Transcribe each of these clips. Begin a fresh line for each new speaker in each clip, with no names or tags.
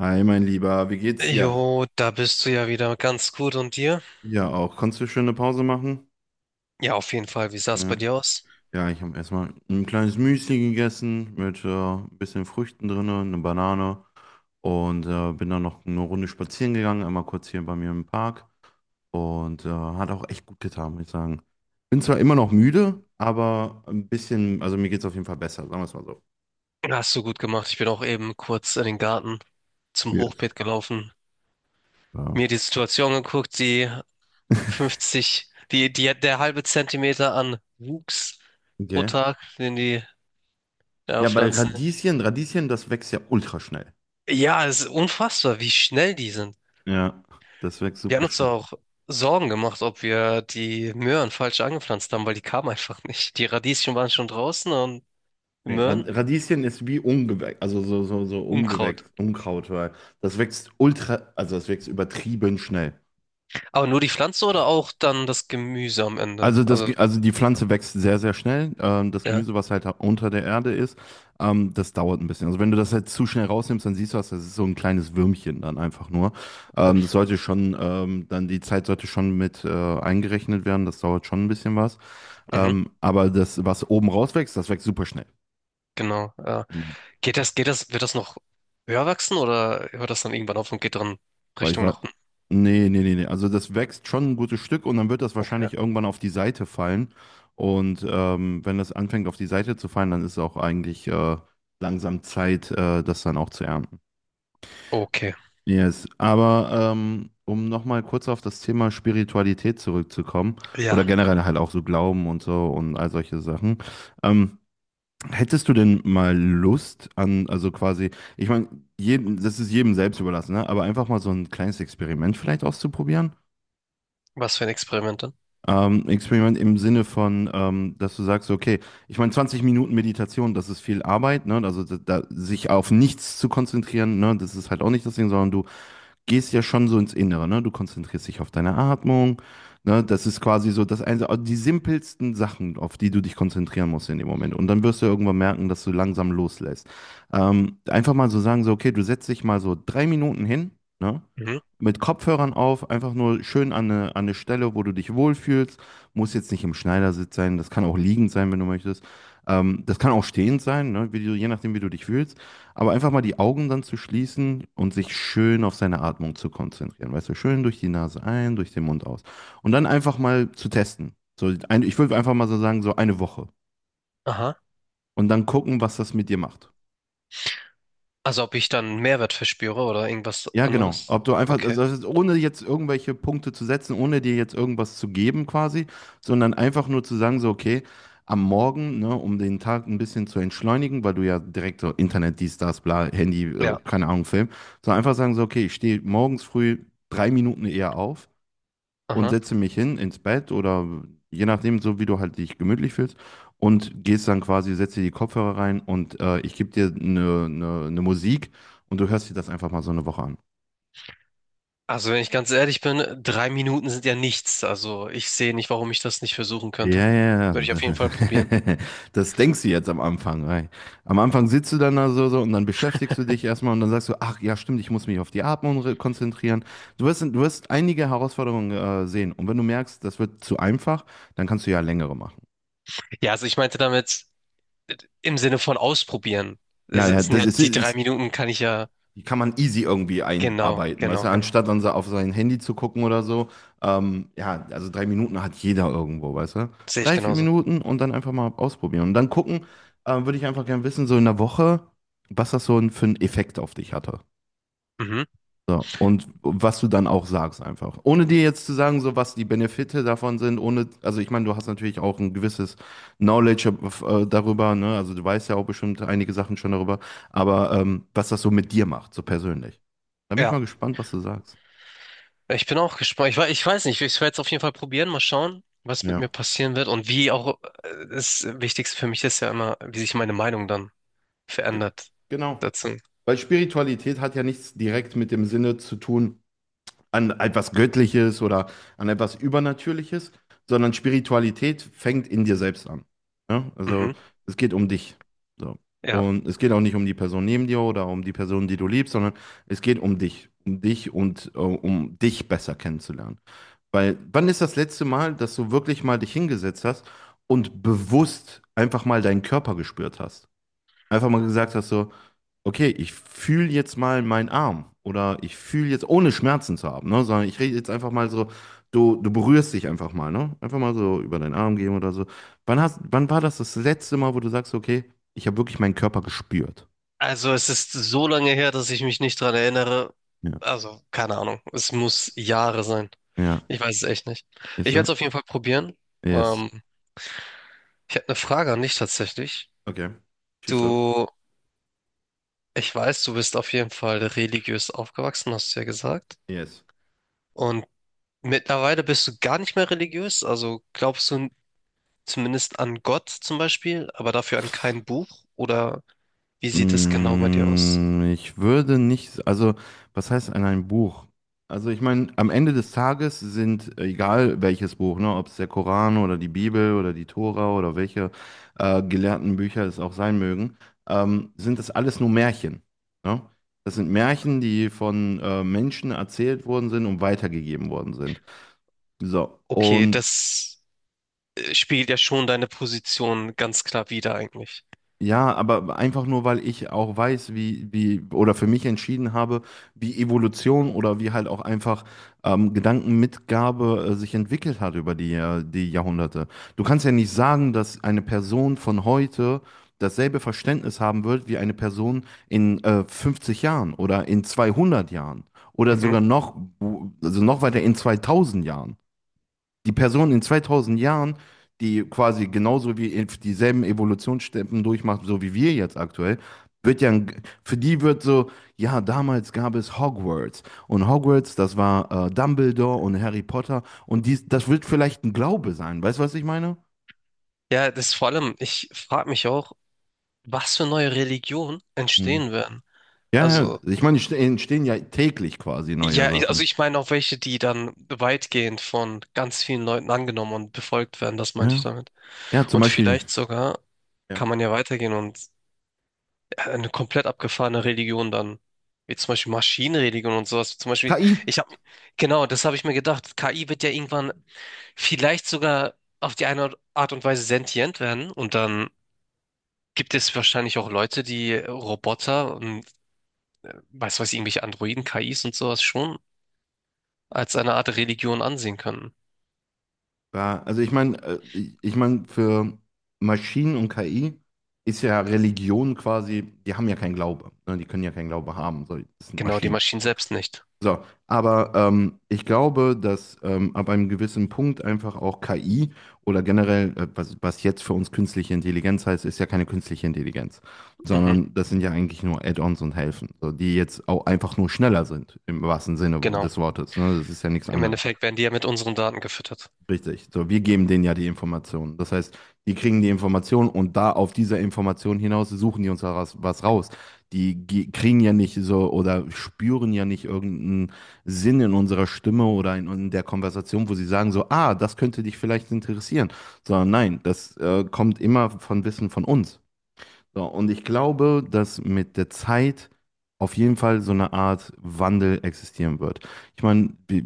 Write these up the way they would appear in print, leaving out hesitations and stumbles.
Hi, mein Lieber, wie geht's
Jo,
dir?
da bist du ja wieder ganz gut und dir?
Ja, auch. Konntest du schöne Pause machen?
Ja, auf jeden Fall. Wie sah es bei
Ja,
dir aus?
ja, ich habe erstmal ein kleines Müsli gegessen mit ein bisschen Früchten drin, eine Banane und bin dann noch eine Runde spazieren gegangen, einmal kurz hier bei mir im Park und hat auch echt gut getan, muss ich sagen. Bin zwar immer noch müde, aber ein bisschen, also mir geht's auf jeden Fall besser, sagen wir es mal so.
Hast du gut gemacht. Ich bin auch eben kurz in den Garten zum
Yes.
Hochbeet gelaufen,
Ja.
mir die Situation geguckt, die 50, der halbe Zentimeter an Wuchs pro
Okay.
Tag, den die ja,
Ja, bei
Pflanzen.
Radieschen, Radieschen, das wächst ja ultra schnell.
Ja, es ist unfassbar, wie schnell die sind.
Ja, das wächst
Wir haben
super
uns
schnell.
auch Sorgen gemacht, ob wir die Möhren falsch angepflanzt haben, weil die kamen einfach nicht. Die Radieschen waren schon draußen und die
Nee, Rad-
Möhren,
Radieschen ist wie Ungewächs, also so
Unkraut.
Ungewächs, Unkraut, weil das wächst ultra, also das wächst übertrieben schnell.
Aber nur die Pflanze oder auch dann das Gemüse am Ende?
Also, das,
Also,
Ge- also die Pflanze wächst sehr, sehr schnell. Das
ja.
Gemüse, was halt unter der Erde ist, das dauert ein bisschen. Also wenn du das halt zu schnell rausnimmst, dann siehst du das, das ist so ein kleines Würmchen dann einfach nur. Das sollte schon, dann die Zeit sollte schon mit eingerechnet werden, das dauert schon ein bisschen was.
Mhm,
Aber das, was oben rauswächst, das wächst super schnell.
genau. Ja. Wird das noch höher wachsen oder hört das dann irgendwann auf und geht dann
Weil ich
Richtung
war.
nach unten?
Nee, nee, nee, nee. Also das wächst schon ein gutes Stück und dann wird das
Okay.
wahrscheinlich irgendwann auf die Seite fallen. Und wenn das anfängt auf die Seite zu fallen, dann ist auch eigentlich langsam Zeit, das dann auch zu ernten.
Okay.
Yes. Aber um nochmal kurz auf das Thema Spiritualität zurückzukommen
Ja.
oder generell halt auch so Glauben und so und all solche Sachen. Ähm, Hättest du denn mal Lust also quasi, ich meine, jedem, das ist jedem selbst überlassen, ne? Aber einfach mal so ein kleines Experiment vielleicht auszuprobieren?
Was für ein Experiment dann?
Experiment im Sinne von, dass du sagst, okay, ich meine, 20 Minuten Meditation, das ist viel Arbeit, ne? Also sich auf nichts zu konzentrieren, ne? Das ist halt auch nicht das Ding, sondern du gehst ja schon so ins Innere, ne? Du konzentrierst dich auf deine Atmung, ne? Das ist quasi so das eine, die simpelsten Sachen, auf die du dich konzentrieren musst in dem Moment. Und dann wirst du ja irgendwann merken, dass du langsam loslässt. Einfach mal so sagen, so, okay, du setzt dich mal so 3 Minuten hin, ne?
Mhm.
Mit Kopfhörern auf, einfach nur schön an eine Stelle, wo du dich wohlfühlst. Muss jetzt nicht im Schneidersitz sein, das kann auch liegend sein, wenn du möchtest. Das kann auch stehend sein, ne? Wie du, je nachdem, wie du dich fühlst. Aber einfach mal die Augen dann zu schließen und sich schön auf seine Atmung zu konzentrieren. Weißt du, schön durch die Nase ein, durch den Mund aus. Und dann einfach mal zu testen. So ein, ich würde einfach mal so sagen, so eine Woche.
Aha.
Und dann gucken, was das mit dir macht.
Also ob ich dann Mehrwert verspüre oder irgendwas
Ja, genau.
anderes?
Ob du einfach, also
Okay.
das ist, ohne jetzt irgendwelche Punkte zu setzen, ohne dir jetzt irgendwas zu geben quasi, sondern einfach nur zu sagen, so, okay, am Morgen, ne, um den Tag ein bisschen zu entschleunigen, weil du ja direkt so Internet, dies, das, bla, Handy,
Ja.
keine Ahnung, Film, so einfach sagen, so, okay, ich stehe morgens früh 3 Minuten eher auf und
Aha.
setze mich hin ins Bett oder je nachdem, so wie du halt dich gemütlich fühlst und gehst dann quasi, setzt dir die Kopfhörer rein und ich gebe dir eine Musik und du hörst dir das einfach mal so eine Woche an.
Also wenn ich ganz ehrlich bin, 3 Minuten sind ja nichts. Also ich sehe nicht, warum ich das nicht versuchen könnte.
Ja, ja,
Würde
ja.
ich auf jeden Fall probieren.
Das denkst du jetzt am Anfang. Weil am Anfang sitzt du dann da so, so und dann beschäftigst du dich erstmal und dann sagst du, ach ja, stimmt, ich muss mich auf die Atmung konzentrieren. Du wirst einige Herausforderungen sehen und wenn du merkst, das wird zu einfach, dann kannst du ja längere machen.
Ja, also ich meinte damit, im Sinne von ausprobieren.
Ja, ja,
Sind
das
ja
ist,
die drei
ist
Minuten kann ich ja,
die kann man easy irgendwie
genau,
einarbeiten, weißt du,
genau, genau.
anstatt dann so auf sein Handy zu gucken oder so. Ja, also 3 Minuten hat jeder irgendwo, weißt du.
Sehe ich
Drei, vier
genauso.
Minuten und dann einfach mal ausprobieren. Und dann gucken, würde ich einfach gerne wissen, so in der Woche, was das so für einen Effekt auf dich hatte.
Mhm.
So, und was du dann auch sagst einfach. Ohne dir jetzt zu sagen, so was die Benefite davon sind, ohne, also ich meine, du hast natürlich auch ein gewisses Knowledge darüber, ne? Also du weißt ja auch bestimmt einige Sachen schon darüber, aber was das so mit dir macht, so persönlich. Da bin ich
Ja,
mal gespannt, was du sagst.
ich bin auch gespannt. Ich weiß nicht, ich werde es auf jeden Fall probieren, mal schauen, was mit mir
Ja.
passieren wird und wie auch das Wichtigste für mich ist ja immer, wie sich meine Meinung dann
Ge-
verändert
Genau.
dazu.
Weil Spiritualität hat ja nichts direkt mit dem Sinne zu tun, an etwas Göttliches oder an etwas Übernatürliches, sondern Spiritualität fängt in dir selbst an. Ja? Also
Mhm.
es geht um dich. So.
Ja.
Und es geht auch nicht um die Person neben dir oder um die Person, die du liebst, sondern es geht um dich. Um dich und um dich besser kennenzulernen. Weil wann ist das letzte Mal, dass du wirklich mal dich hingesetzt hast und bewusst einfach mal deinen Körper gespürt hast? Einfach mal gesagt hast so, okay, ich fühle jetzt mal meinen Arm oder ich fühle jetzt, ohne Schmerzen zu haben, ne, sondern ich rede jetzt einfach mal so, du berührst dich einfach mal, ne? Einfach mal so über deinen Arm gehen oder so. Wann war das letzte Mal, wo du sagst, okay, ich habe wirklich meinen Körper gespürt?
Also es ist so lange her, dass ich mich nicht dran erinnere.
Ja.
Also, keine Ahnung. Es muss Jahre sein.
Ja,
Ich weiß es echt nicht.
ist
Ich werde
so?
es auf jeden Fall probieren.
Yes.
Ähm, Ich habe eine Frage an dich tatsächlich.
Okay. Schieß los.
Du, ich weiß, du bist auf jeden Fall religiös aufgewachsen, hast du ja gesagt.
Yes.
Und mittlerweile bist du gar nicht mehr religiös. Also glaubst du zumindest an Gott zum Beispiel, aber dafür an kein Buch? Oder wie sieht es genau bei dir aus?
Ich würde nicht, also was heißt an ein Buch? Also ich meine, am Ende des Tages sind, egal welches Buch, ne, ob es der Koran oder die Bibel oder die Tora oder welche gelehrten Bücher es auch sein mögen, sind das alles nur Märchen. Ne? Das sind Märchen, die von Menschen erzählt worden sind und weitergegeben worden sind. So,
Okay,
und
das spiegelt ja schon deine Position ganz klar wider eigentlich.
ja, aber einfach nur, weil ich auch weiß, oder für mich entschieden habe, wie Evolution oder wie halt auch einfach Gedankenmitgabe sich entwickelt hat über die Jahrhunderte. Du kannst ja nicht sagen, dass eine Person von heute dasselbe Verständnis haben wird wie eine Person in 50 Jahren oder in 200 Jahren oder
Mhm.
sogar noch, also noch weiter in 2000 Jahren die Person in 2000 Jahren, die quasi genauso wie dieselben Evolutionsstufen durchmacht, so wie wir jetzt aktuell, wird ja, für die wird so, ja, damals gab es Hogwarts und Hogwarts, das war Dumbledore und Harry Potter und dies, das wird vielleicht ein Glaube sein, weißt du, was ich meine?
Ja, das vor allem, ich frage mich auch, was für neue Religionen
Mhm.
entstehen werden.
Ja, ja,
Also.
ich meine, entstehen ja täglich quasi neue
Ja, also
Sachen.
ich meine auch welche, die dann weitgehend von ganz vielen Leuten angenommen und befolgt werden, das meinte ich
Ja,
damit.
ja, zum
Und
Beispiel,
vielleicht sogar kann
ja.
man ja weitergehen und eine komplett abgefahrene Religion dann, wie zum Beispiel Maschinenreligion und sowas. Zum Beispiel,
KI.
ich habe, genau, das habe ich mir gedacht. KI wird ja irgendwann vielleicht sogar auf die eine Art und Weise sentient werden und dann gibt es wahrscheinlich auch Leute, die Roboter und weiß was, irgendwelche Androiden, KIs und sowas schon als eine Art Religion ansehen können.
Ja, also ich meine, für Maschinen und KI ist ja Religion quasi, die haben ja keinen Glaube, ne? Die können ja keinen Glaube haben, so, das sind
Genau, die
Maschinen.
Maschinen selbst nicht.
So, aber ich glaube, dass ab einem gewissen Punkt einfach auch KI oder generell, was, was jetzt für uns künstliche Intelligenz heißt, ist ja keine künstliche Intelligenz,
Mhm,
sondern das sind ja eigentlich nur Add-ons und Helfen, so, die jetzt auch einfach nur schneller sind, im wahrsten Sinne
genau.
des Wortes, ne? Das ist ja nichts
Im
anderes.
Endeffekt werden die ja mit unseren Daten gefüttert.
Richtig. So, wir geben denen ja die Informationen. Das heißt, die kriegen die Informationen und da auf dieser Information hinaus suchen die uns da was, was raus. Die kriegen ja nicht so oder spüren ja nicht irgendeinen Sinn in unserer Stimme oder in der Konversation, wo sie sagen so, ah, das könnte dich vielleicht interessieren. Sondern nein, das kommt immer von Wissen von uns. So, und ich glaube, dass mit der Zeit auf jeden Fall so eine Art Wandel existieren wird. Ich meine, wir,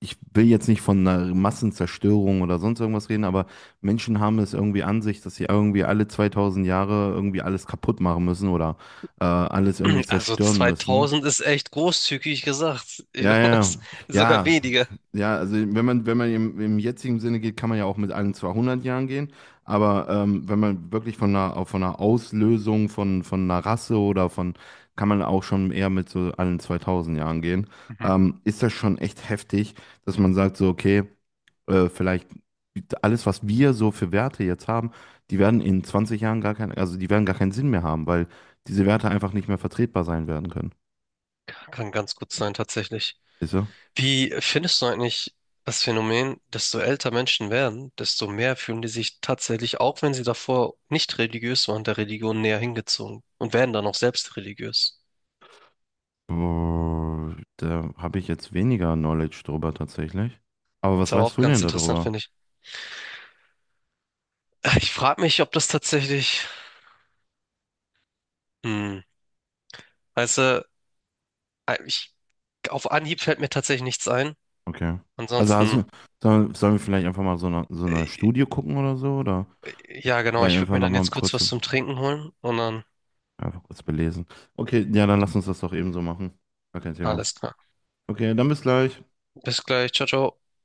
ich will jetzt nicht von einer Massenzerstörung oder sonst irgendwas reden, aber Menschen haben es irgendwie an sich, dass sie irgendwie alle 2000 Jahre irgendwie alles kaputt machen müssen oder alles irgendwie
Also
zerstören müssen.
2000 ist echt großzügig gesagt.
Ja, ja,
Sogar
ja,
weniger.
ja, also wenn man, im, im jetzigen Sinne geht, kann man ja auch mit allen 200 Jahren gehen, aber wenn man wirklich von einer, auch von einer Auslösung von einer Rasse kann man auch schon eher mit so allen 2000 Jahren gehen,
Mhm.
ist das schon echt heftig, dass man sagt so, okay, vielleicht alles, was wir so für Werte jetzt haben, die werden in 20 Jahren gar keinen, also die werden gar keinen Sinn mehr haben, weil diese Werte einfach nicht mehr vertretbar sein werden können.
Kann ganz gut sein, tatsächlich.
Ist so.
Wie findest du eigentlich das Phänomen, desto älter Menschen werden, desto mehr fühlen die sich tatsächlich, auch wenn sie davor nicht religiös waren, der Religion näher hingezogen und werden dann auch selbst religiös?
Boah, da habe ich jetzt weniger Knowledge drüber tatsächlich. Aber
Das
was
ist aber
weißt
auch
du
ganz
denn
interessant,
darüber?
finde ich. Ich frage mich, ob das tatsächlich, hm, weißt du, Äh, Ich, auf Anhieb fällt mir tatsächlich nichts ein.
Okay. Also,
Ansonsten,
also sollen wir vielleicht einfach mal so eine
äh,
Studie gucken oder so? Oder
ja genau,
vielleicht
ich würde
einfach
mir dann
nochmal
jetzt kurz
kurz,
was zum Trinken holen und dann
einfach kurz belesen. Okay, ja, dann lass uns das doch eben so machen. Gar kein Thema.
alles klar.
Okay, dann bis gleich.
Bis gleich, ciao, ciao.